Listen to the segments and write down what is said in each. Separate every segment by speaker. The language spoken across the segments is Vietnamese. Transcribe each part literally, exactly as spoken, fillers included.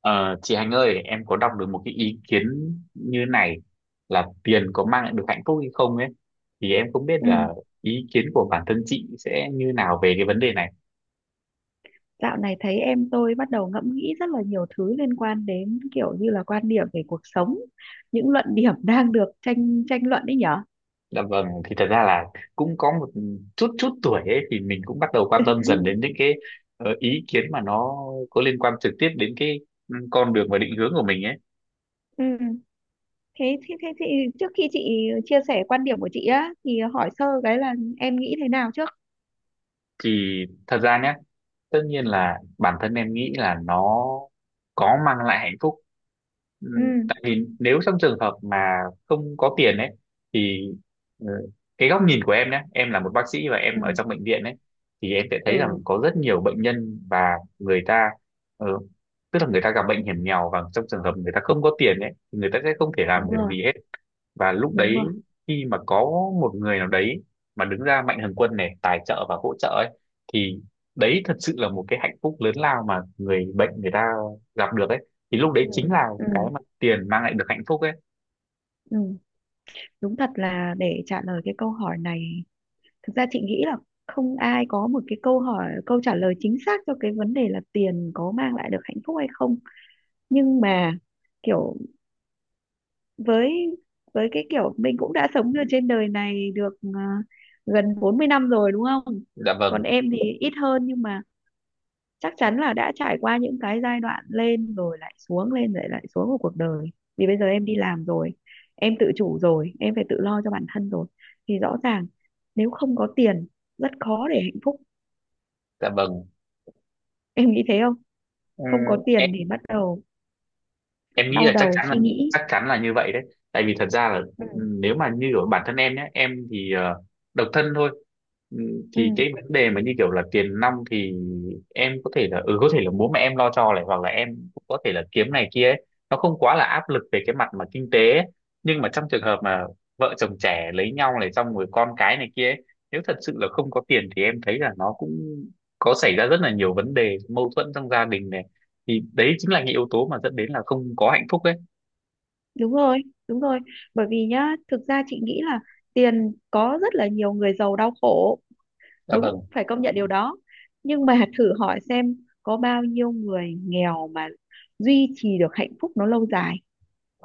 Speaker 1: Ờ, chị Hạnh ơi, em có đọc được một cái ý kiến như này, là tiền có mang lại được hạnh phúc hay không ấy, thì em không biết
Speaker 2: Ừ,
Speaker 1: là ý kiến của bản thân chị sẽ như nào về cái vấn đề này.
Speaker 2: dạo này thấy em tôi bắt đầu ngẫm nghĩ rất là nhiều thứ liên quan đến kiểu như là quan điểm về cuộc sống, những luận điểm đang được tranh tranh luận đấy nhở.
Speaker 1: Dạ vâng, thì thật ra là cũng có một chút chút tuổi ấy thì mình cũng bắt đầu quan tâm dần đến những cái ờ, ý kiến mà nó có liên quan trực tiếp đến cái ừ, con đường và định hướng của mình ấy,
Speaker 2: Ừ. Thế, thế, thế, thế trước khi chị chia sẻ quan điểm của chị á thì hỏi sơ cái là em nghĩ thế nào trước?
Speaker 1: thì thật ra nhé, tất nhiên là bản thân em nghĩ là nó có mang lại hạnh phúc. Ừ,
Speaker 2: Ừ.
Speaker 1: tại vì nếu trong trường hợp mà không có tiền ấy thì ừ, cái góc nhìn của em nhé, em là một bác sĩ và
Speaker 2: Ừ.
Speaker 1: em ở trong bệnh viện ấy, thì em sẽ thấy rằng
Speaker 2: Ừ,
Speaker 1: có rất nhiều bệnh nhân và người ta ừ, tức là người ta gặp bệnh hiểm nghèo, và trong trường hợp người ta không có tiền ấy thì người ta sẽ không thể làm
Speaker 2: đúng
Speaker 1: được
Speaker 2: rồi,
Speaker 1: gì hết. Và lúc
Speaker 2: đúng
Speaker 1: đấy
Speaker 2: rồi.
Speaker 1: khi mà có một người nào đấy mà đứng ra mạnh thường quân này, tài trợ và hỗ trợ ấy, thì đấy thật sự là một cái hạnh phúc lớn lao mà người bệnh người ta gặp được ấy, thì lúc đấy
Speaker 2: Ừ.
Speaker 1: chính là cái
Speaker 2: Ừ.
Speaker 1: mà tiền mang lại được hạnh phúc ấy.
Speaker 2: Ừ. Đúng thật là để trả lời cái câu hỏi này, thực ra chị nghĩ là không ai có một cái câu hỏi câu trả lời chính xác cho cái vấn đề là tiền có mang lại được hạnh phúc hay không, nhưng mà kiểu, với với cái kiểu mình cũng đã sống ở trên đời này được ờ, gần bốn mươi năm rồi, đúng không?
Speaker 1: Dạ
Speaker 2: Còn
Speaker 1: vâng.
Speaker 2: em thì ít hơn nhưng mà chắc chắn là đã trải qua những cái giai đoạn lên rồi lại xuống, lên rồi lại xuống của cuộc đời. Vì bây giờ em đi làm rồi, em tự chủ rồi, em phải tự lo cho bản thân rồi. Thì rõ ràng nếu không có tiền, rất khó để hạnh phúc.
Speaker 1: Dạ vâng.
Speaker 2: Em nghĩ thế không? Không
Speaker 1: Ừm,
Speaker 2: có
Speaker 1: em
Speaker 2: tiền thì bắt đầu
Speaker 1: em nghĩ
Speaker 2: đau
Speaker 1: là chắc
Speaker 2: đầu
Speaker 1: chắn là
Speaker 2: suy nghĩ.
Speaker 1: chắc chắn là như vậy đấy, tại vì thật ra là
Speaker 2: Ừ.
Speaker 1: ừ, nếu mà như ở bản thân em nhé, em thì ờ, độc thân thôi. Ừ, thì
Speaker 2: Ừ.
Speaker 1: cái vấn đề mà như kiểu là tiền nong thì em có thể là ừ có thể là bố mẹ em lo cho này, hoặc là em cũng có thể là kiếm này kia ấy. Nó không quá là áp lực về cái mặt mà kinh tế ấy. Nhưng mà trong trường hợp mà vợ chồng trẻ lấy nhau này, xong rồi con cái này kia ấy, nếu thật sự là không có tiền thì em thấy là nó cũng có xảy ra rất là nhiều vấn đề mâu thuẫn trong gia đình này, thì đấy chính là những yếu tố mà dẫn đến là không có hạnh phúc ấy.
Speaker 2: Đúng rồi, đúng rồi, bởi vì nhá, thực ra chị nghĩ là tiền có rất là nhiều người giàu đau khổ,
Speaker 1: Dạ
Speaker 2: đúng,
Speaker 1: vâng.
Speaker 2: phải công nhận điều đó, nhưng mà thử hỏi xem có bao nhiêu người nghèo mà duy trì được hạnh phúc nó lâu dài,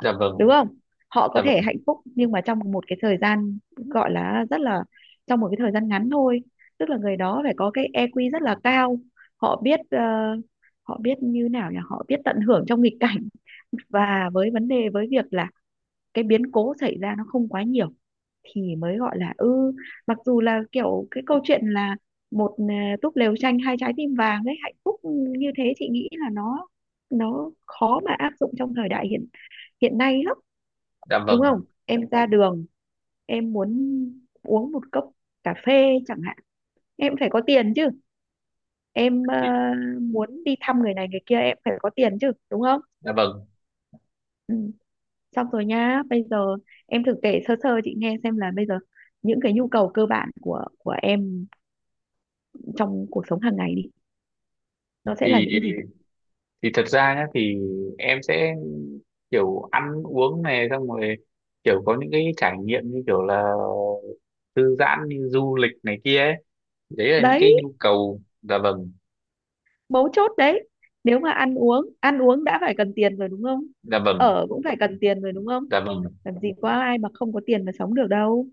Speaker 1: Dạ
Speaker 2: đúng
Speaker 1: vâng.
Speaker 2: không? Họ
Speaker 1: Dạ
Speaker 2: có thể
Speaker 1: vâng.
Speaker 2: hạnh phúc nhưng mà trong một cái thời gian gọi là rất là, trong một cái thời gian ngắn thôi, tức là người đó phải có cái i kiu rất là cao. Họ biết ờ, họ biết như nào nhỉ, họ biết tận hưởng trong nghịch cảnh. Và với vấn đề, với việc là cái biến cố xảy ra nó không quá nhiều thì mới gọi là ư, mặc dù là kiểu cái câu chuyện là một à, túp lều tranh hai trái tim vàng đấy hạnh phúc như thế, chị nghĩ là nó nó khó mà áp dụng trong thời đại hiện hiện nay lắm,
Speaker 1: Dạ vâng.
Speaker 2: đúng không? Em ra đường, em muốn uống một cốc cà phê chẳng hạn, em phải có tiền chứ. Em ờ,
Speaker 1: Thì-
Speaker 2: muốn đi thăm người này người kia em phải có tiền chứ, đúng không?
Speaker 1: dạ vâng,
Speaker 2: Ừ. Xong rồi nhá, bây giờ em thử kể sơ sơ chị nghe xem là bây giờ những cái nhu cầu cơ bản của của em trong cuộc sống hàng ngày đi, nó sẽ là
Speaker 1: thì
Speaker 2: những cái gì?
Speaker 1: thì thật ra nhá, thì em sẽ kiểu ăn uống này, xong rồi kiểu có những cái trải nghiệm như kiểu là thư giãn, như du lịch này kia ấy, đấy là những cái
Speaker 2: Đấy,
Speaker 1: nhu cầu. Dạ vâng.
Speaker 2: mấu chốt đấy. Nếu mà ăn uống, ăn uống đã phải cần tiền rồi, đúng không?
Speaker 1: Dạ vâng.
Speaker 2: Ở cũng phải cần tiền rồi, đúng không?
Speaker 1: Dạ vâng.
Speaker 2: Làm gì có ai mà không có tiền mà sống được đâu.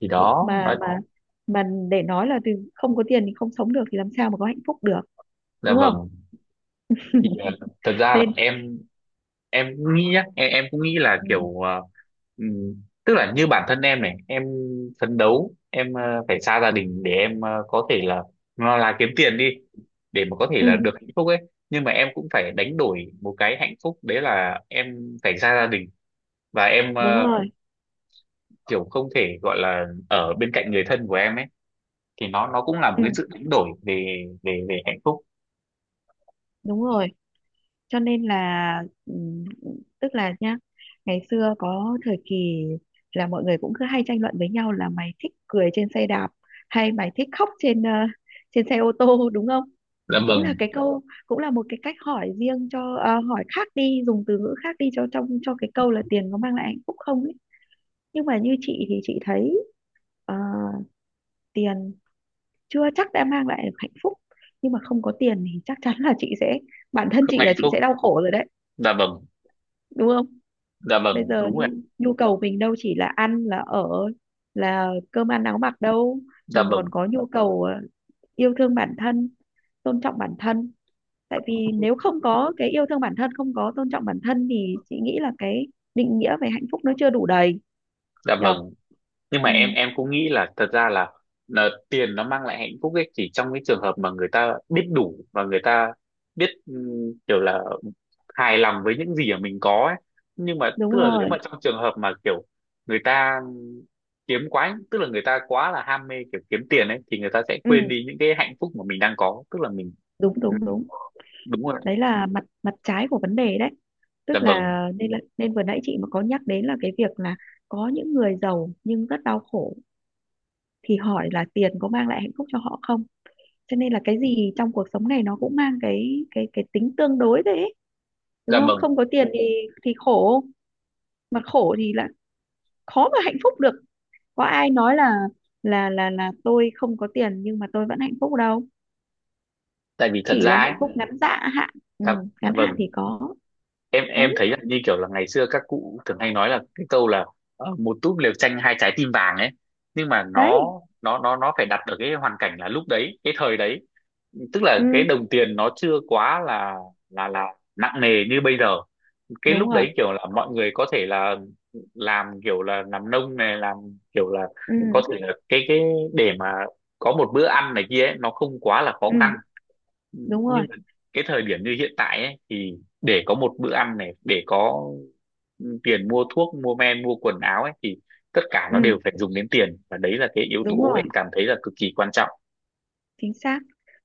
Speaker 1: Thì
Speaker 2: Nhưng
Speaker 1: đó
Speaker 2: mà
Speaker 1: nói.
Speaker 2: mà mà để nói là từ không có tiền thì không sống được thì làm sao mà có hạnh phúc được,
Speaker 1: Dạ
Speaker 2: đúng không?
Speaker 1: vâng. Thì ờ, thật ra là
Speaker 2: Nên,
Speaker 1: em em cũng nghĩ nhá, em, em cũng nghĩ là
Speaker 2: ừ,
Speaker 1: kiểu ờ, ừm, tức là như bản thân em này, em phấn đấu em ờ, phải xa gia đình, để em ờ, có thể là nó là kiếm tiền đi để mà có thể
Speaker 2: ừ,
Speaker 1: là được hạnh phúc ấy. Nhưng mà em cũng phải đánh đổi một cái hạnh phúc, đấy là em phải xa gia đình và em
Speaker 2: đúng
Speaker 1: ờ,
Speaker 2: rồi.
Speaker 1: kiểu không thể gọi là ở bên cạnh người thân của em ấy, thì nó nó cũng là một
Speaker 2: Ừ,
Speaker 1: cái sự đánh đổi về về về hạnh phúc.
Speaker 2: đúng rồi. Cho nên là ừm, tức là nhá, ngày xưa có thời kỳ là mọi người cũng cứ hay tranh luận với nhau là mày thích cười trên xe đạp hay mày thích khóc trên ờ, trên xe ô tô đúng không?
Speaker 1: Dạ
Speaker 2: Cũng là
Speaker 1: vâng.
Speaker 2: cái câu, cũng là một cái cách hỏi riêng cho ờ, hỏi khác đi, dùng từ ngữ khác đi cho trong cho cái câu là tiền có mang lại hạnh phúc không ấy. Nhưng mà như chị thì chị thấy ờ, tiền chưa chắc đã mang lại được hạnh phúc, nhưng mà không có tiền thì chắc chắn là chị sẽ, bản thân
Speaker 1: Không
Speaker 2: chị là
Speaker 1: hạnh
Speaker 2: chị sẽ
Speaker 1: phúc.
Speaker 2: đau khổ rồi đấy,
Speaker 1: Dạ vâng.
Speaker 2: đúng không?
Speaker 1: Dạ
Speaker 2: Bây
Speaker 1: vâng.
Speaker 2: giờ
Speaker 1: Đúng rồi.
Speaker 2: nhu, nhu cầu mình đâu chỉ là ăn, là ở, là cơm ăn áo mặc đâu.
Speaker 1: Dạ
Speaker 2: Mình còn
Speaker 1: vâng.
Speaker 2: có nhu cầu ờ, yêu thương bản thân, tôn trọng bản thân. Tại vì nếu không có cái yêu thương bản thân, không có tôn trọng bản thân thì chị nghĩ là cái định nghĩa về hạnh phúc nó chưa đủ đầy,
Speaker 1: Dạ
Speaker 2: nhở.
Speaker 1: vâng. Nhưng mà
Speaker 2: Ừ,
Speaker 1: em em cũng nghĩ là thật ra là, là tiền nó mang lại hạnh phúc ấy chỉ trong cái trường hợp mà người ta biết đủ và người ta biết ừm, kiểu là hài lòng với những gì mà mình có ấy. Nhưng mà
Speaker 2: đúng
Speaker 1: tức là nếu
Speaker 2: rồi.
Speaker 1: mà trong trường hợp mà kiểu người ta kiếm quá, tức là người ta quá là ham mê kiểu kiếm tiền ấy, thì người ta sẽ
Speaker 2: Ừ,
Speaker 1: quên đi những cái hạnh phúc mà mình đang có, tức là mình
Speaker 2: đúng
Speaker 1: ừm,
Speaker 2: đúng đúng.
Speaker 1: đúng rồi.
Speaker 2: Đấy là mặt mặt trái của vấn đề đấy,
Speaker 1: Dạ
Speaker 2: tức
Speaker 1: vâng.
Speaker 2: là nên là, nên vừa nãy chị mà có nhắc đến là cái việc là có những người giàu nhưng rất đau khổ thì hỏi là tiền có mang lại hạnh phúc cho họ không. Cho nên là cái gì trong cuộc sống này nó cũng mang cái cái cái tính tương đối đấy ấy, đúng
Speaker 1: Dạ
Speaker 2: không?
Speaker 1: vâng.
Speaker 2: Không có tiền thì thì khổ, mà khổ thì là khó mà hạnh phúc được. Có ai nói là là là là tôi không có tiền nhưng mà tôi vẫn hạnh phúc đâu,
Speaker 1: Tại vì thật
Speaker 2: chỉ
Speaker 1: ra
Speaker 2: là
Speaker 1: ấy.
Speaker 2: hạnh phúc ngắn dạ hạn. Ừ,
Speaker 1: Dạ, dạ
Speaker 2: ngắn hạn
Speaker 1: vâng.
Speaker 2: thì có.
Speaker 1: Em em
Speaker 2: Đấy.
Speaker 1: thấy là như kiểu là ngày xưa các cụ thường hay nói là cái câu là ờ, một túp lều tranh hai trái tim vàng ấy. Nhưng mà nó
Speaker 2: Đấy.
Speaker 1: nó nó nó phải đặt ở cái hoàn cảnh là lúc đấy cái thời đấy, tức
Speaker 2: Ừ,
Speaker 1: là cái đồng tiền nó chưa quá là là là nặng nề như bây giờ. Cái
Speaker 2: đúng
Speaker 1: lúc
Speaker 2: rồi.
Speaker 1: đấy kiểu là mọi người có thể là làm, kiểu là làm nông này, làm kiểu là có
Speaker 2: Ừ.
Speaker 1: thể là cái cái để mà có một bữa ăn này kia ấy, nó không quá là khó
Speaker 2: Ừ,
Speaker 1: khăn.
Speaker 2: đúng
Speaker 1: Nhưng
Speaker 2: rồi.
Speaker 1: mà cái thời điểm như hiện tại ấy, thì để có một bữa ăn này, để có tiền mua thuốc mua men mua quần áo ấy, thì tất cả nó
Speaker 2: Ừ,
Speaker 1: đều phải dùng đến tiền, và đấy là cái yếu
Speaker 2: đúng
Speaker 1: tố
Speaker 2: rồi,
Speaker 1: em cảm thấy là cực kỳ quan trọng.
Speaker 2: chính xác.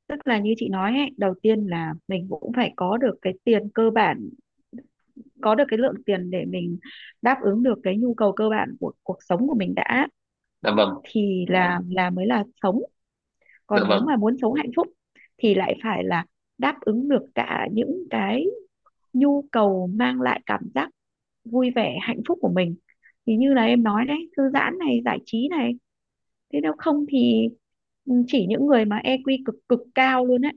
Speaker 2: Tức là như chị nói ấy, đầu tiên là mình cũng phải có được cái tiền cơ bản, có được cái lượng tiền để mình đáp ứng được cái nhu cầu cơ bản của cuộc sống của mình đã,
Speaker 1: Dạ vâng.
Speaker 2: thì là là mới là sống.
Speaker 1: Dạ
Speaker 2: Còn nếu
Speaker 1: vâng.
Speaker 2: mà muốn sống hạnh phúc thì lại phải là đáp ứng được cả những cái nhu cầu mang lại cảm giác vui vẻ, hạnh phúc của mình, thì như là em nói đấy, thư giãn này, giải trí này. Thế nếu không thì ừ, chỉ những người mà i kiu cực cực cao luôn á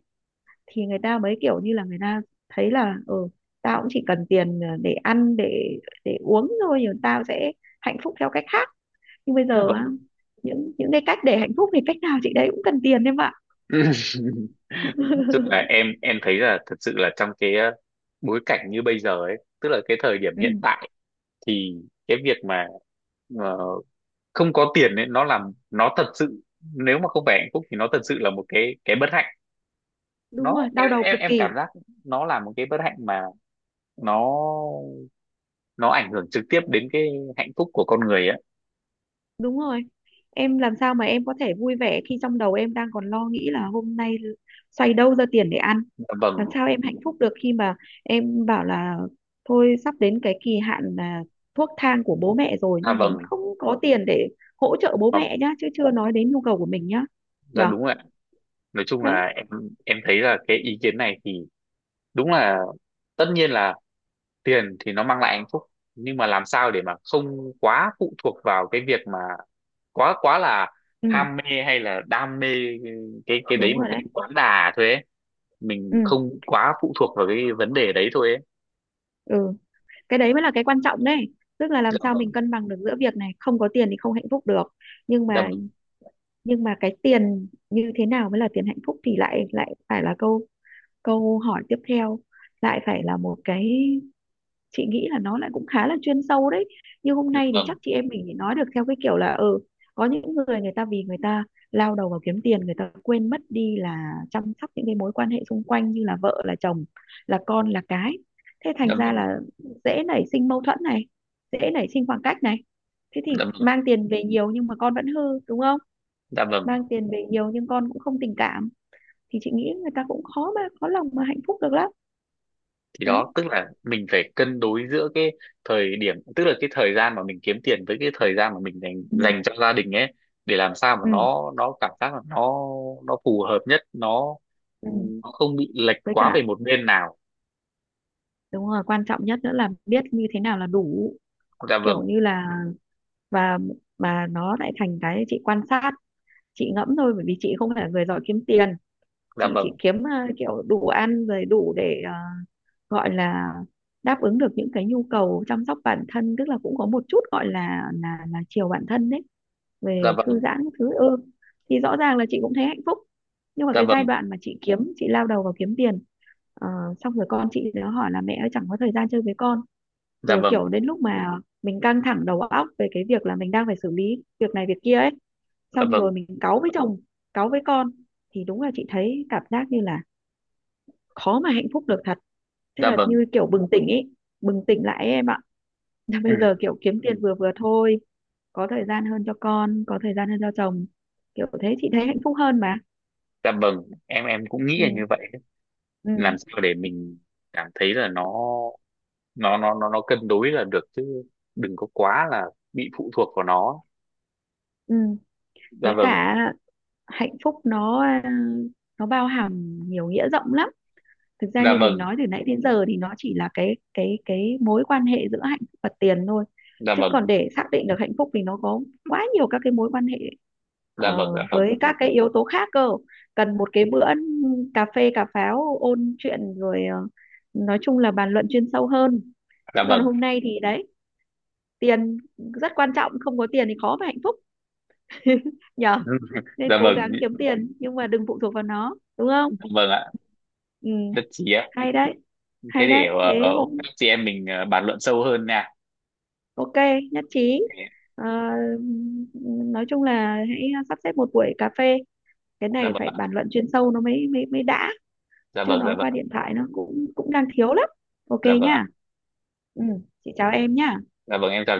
Speaker 2: thì người ta mới kiểu như là người ta thấy là ừ, tao cũng chỉ cần tiền ờ, để ăn, để để uống thôi, rồi tao sẽ hạnh phúc theo cách khác. Nhưng bây
Speaker 1: Dạ
Speaker 2: giờ á,
Speaker 1: vâng.
Speaker 2: những những cái cách để hạnh phúc thì cách nào chị đấy cũng cần tiền, em ạ.
Speaker 1: Nói chung là em em thấy là thật sự là trong cái ờ, bối cảnh như bây giờ ấy, tức là cái thời điểm
Speaker 2: Ừ,
Speaker 1: hiện tại, thì cái việc mà ờ, không có tiền ấy, nó làm nó thật sự, nếu mà không phải hạnh phúc thì nó thật sự là một cái cái bất hạnh.
Speaker 2: đúng
Speaker 1: nó
Speaker 2: rồi, đau
Speaker 1: em
Speaker 2: đầu
Speaker 1: em
Speaker 2: cực
Speaker 1: em
Speaker 2: kỳ.
Speaker 1: cảm giác nó là một cái bất hạnh mà nó nó ảnh hưởng trực tiếp đến cái hạnh phúc của con người á.
Speaker 2: Đúng rồi. Em làm sao mà em có thể vui vẻ khi trong đầu em đang còn lo nghĩ là hôm nay xoay đâu ra tiền để ăn.
Speaker 1: Dạ vâng.
Speaker 2: Làm sao em hạnh phúc được khi mà em bảo là thôi sắp đến cái kỳ hạn là thuốc thang của bố mẹ rồi
Speaker 1: Dạ
Speaker 2: nhưng mình
Speaker 1: vâng.
Speaker 2: không có tiền để hỗ trợ bố
Speaker 1: Dạ.
Speaker 2: mẹ nhá, chứ chưa nói đến nhu cầu của mình nhá,
Speaker 1: Dạ
Speaker 2: nhở.
Speaker 1: đúng rồi ạ. Nói chung
Speaker 2: Đấy.
Speaker 1: là em em thấy là cái ý kiến này thì đúng là, tất nhiên là tiền thì nó mang lại hạnh phúc, nhưng mà làm sao để mà không quá phụ thuộc vào cái việc mà quá quá là
Speaker 2: Ừ,
Speaker 1: ham mê hay là đam mê cái cái đấy
Speaker 2: đúng
Speaker 1: một
Speaker 2: rồi.
Speaker 1: cách
Speaker 2: Đấy.
Speaker 1: quá đà thôi ấy, mình
Speaker 2: Ừ.
Speaker 1: không quá phụ thuộc vào cái vấn đề đấy thôi ấy.
Speaker 2: Ừ. Cái đấy mới là cái quan trọng đấy, tức là làm
Speaker 1: Dạ
Speaker 2: sao mình
Speaker 1: vâng.
Speaker 2: cân bằng được giữa việc này, không có tiền thì không hạnh phúc được, nhưng
Speaker 1: Dạ
Speaker 2: mà,
Speaker 1: vâng.
Speaker 2: nhưng mà cái tiền như thế nào mới là tiền hạnh phúc thì lại lại phải là câu câu hỏi tiếp theo, lại phải là một cái, chị nghĩ là nó lại cũng khá là chuyên sâu đấy. Như hôm
Speaker 1: Dạ
Speaker 2: nay thì
Speaker 1: vâng.
Speaker 2: chắc chị em mình thì nói được theo cái kiểu là ừ, có những người, người ta vì người ta lao đầu vào kiếm tiền, người ta quên mất đi là chăm sóc những cái mối quan hệ xung quanh, như là vợ là chồng, là con là cái. Thế thành
Speaker 1: Dạ
Speaker 2: ra
Speaker 1: vâng.
Speaker 2: là dễ nảy sinh mâu thuẫn này, dễ nảy sinh khoảng cách này. Thế thì
Speaker 1: Dạ vâng.
Speaker 2: mang tiền về nhiều nhưng mà con vẫn hư, đúng không?
Speaker 1: Dạ vâng.
Speaker 2: Mang tiền về nhiều nhưng con cũng không tình cảm, thì chị nghĩ người ta cũng khó mà khó lòng mà hạnh phúc được lắm.
Speaker 1: Thì
Speaker 2: Đấy.
Speaker 1: đó tức là mình phải cân đối giữa cái thời điểm, tức là cái thời gian mà mình kiếm tiền với cái thời gian mà mình dành
Speaker 2: Ừ.
Speaker 1: dành cho gia đình ấy, để làm sao mà
Speaker 2: Ừ.
Speaker 1: nó nó cảm giác là nó nó phù hợp nhất, nó
Speaker 2: Ừ.
Speaker 1: nó không bị lệch
Speaker 2: Với
Speaker 1: quá
Speaker 2: cả,
Speaker 1: về một bên nào.
Speaker 2: đúng rồi, quan trọng nhất nữa là biết như thế nào là đủ,
Speaker 1: Dạ
Speaker 2: kiểu
Speaker 1: vâng.
Speaker 2: như là. Và mà nó lại thành cái chị quan sát, chị ngẫm thôi, bởi vì chị không phải là người giỏi kiếm tiền.
Speaker 1: Dạ
Speaker 2: Chị chỉ
Speaker 1: vâng.
Speaker 2: kiếm à, kiểu đủ ăn rồi, đủ để à, gọi là đáp ứng được những cái nhu cầu chăm sóc bản thân, tức là cũng có một chút gọi là là là chiều bản thân đấy,
Speaker 1: Dạ
Speaker 2: về thư
Speaker 1: vâng.
Speaker 2: giãn các thứ, ừ. Thì rõ ràng là chị cũng thấy hạnh phúc. Nhưng mà
Speaker 1: Dạ
Speaker 2: cái giai
Speaker 1: vâng.
Speaker 2: đoạn mà chị kiếm chị lao đầu vào kiếm tiền, ờ, xong rồi con chị nó hỏi là mẹ ơi chẳng có thời gian chơi với con,
Speaker 1: Dạ
Speaker 2: rồi
Speaker 1: vâng.
Speaker 2: kiểu đến lúc mà mình căng thẳng đầu óc về cái việc là mình đang phải xử lý việc này việc kia ấy,
Speaker 1: Dạ
Speaker 2: xong
Speaker 1: vâng.
Speaker 2: rồi mình cáu với chồng, cáu với con, thì đúng là chị thấy cảm giác như là khó mà hạnh phúc được thật. Thế
Speaker 1: Dạ
Speaker 2: là
Speaker 1: vâng.
Speaker 2: như kiểu bừng tỉnh ấy, bừng tỉnh lại ấy, em ạ.
Speaker 1: Ừ,
Speaker 2: Bây giờ kiểu kiếm tiền vừa vừa thôi, có thời gian hơn cho con, có thời gian hơn cho chồng, kiểu thế chị thấy hạnh phúc hơn mà.
Speaker 1: dạ vâng, em em cũng nghĩ là như
Speaker 2: Ừ.
Speaker 1: vậy. Làm
Speaker 2: Ừ.
Speaker 1: sao để mình cảm thấy là nó nó nó nó nó cân đối là được chứ, đừng có quá là bị phụ thuộc vào nó.
Speaker 2: Ừ.
Speaker 1: Dạ
Speaker 2: Với
Speaker 1: vâng.
Speaker 2: cả hạnh phúc nó à, nó bao hàm nhiều nghĩa rộng lắm. Thực ra
Speaker 1: Dạ
Speaker 2: như mình
Speaker 1: vâng.
Speaker 2: nói từ nãy đến giờ thì nó chỉ là cái cái cái mối quan hệ giữa hạnh phúc và tiền thôi,
Speaker 1: Dạ
Speaker 2: chứ
Speaker 1: vâng.
Speaker 2: còn để xác định được hạnh phúc thì nó có quá nhiều các cái mối quan hệ
Speaker 1: Dạ
Speaker 2: ờ,
Speaker 1: vâng. Dạ vâng.
Speaker 2: với các cái yếu tố khác cơ. Cần một cái bữa cà phê cà pháo ôn chuyện rồi ờ, nói chung là bàn luận chuyên sâu hơn.
Speaker 1: Dạ
Speaker 2: Chứ còn
Speaker 1: vâng.
Speaker 2: hôm nay thì đấy, tiền rất quan trọng, không có tiền thì khó mà hạnh phúc, nhở. Nên
Speaker 1: Dạ
Speaker 2: cố
Speaker 1: vâng.
Speaker 2: gắng kiếm tiền nhưng mà đừng phụ thuộc vào nó, đúng không?
Speaker 1: Dạ vâng ạ.
Speaker 2: Ừ,
Speaker 1: Rất chí ạ.
Speaker 2: hay đấy,
Speaker 1: Thế
Speaker 2: hay
Speaker 1: để
Speaker 2: đấy. Thế
Speaker 1: ờ,
Speaker 2: hôm
Speaker 1: hôm khác chị em mình ờ, bàn luận sâu hơn nha.
Speaker 2: OK, nhất trí.
Speaker 1: Thế-
Speaker 2: Ờ, nói chung là hãy sắp xếp một buổi cà phê, cái
Speaker 1: dạ
Speaker 2: này
Speaker 1: vâng
Speaker 2: phải
Speaker 1: ạ.
Speaker 2: bàn luận chuyên sâu nó mới mới mới đã.
Speaker 1: Dạ
Speaker 2: Chứ
Speaker 1: vâng. Dạ
Speaker 2: nói qua
Speaker 1: vâng.
Speaker 2: điện thoại nó cũng cũng đang thiếu lắm. OK
Speaker 1: Dạ vâng ạ.
Speaker 2: nhá. Ừ, chị chào em nhá.
Speaker 1: Dạ vâng, em chào.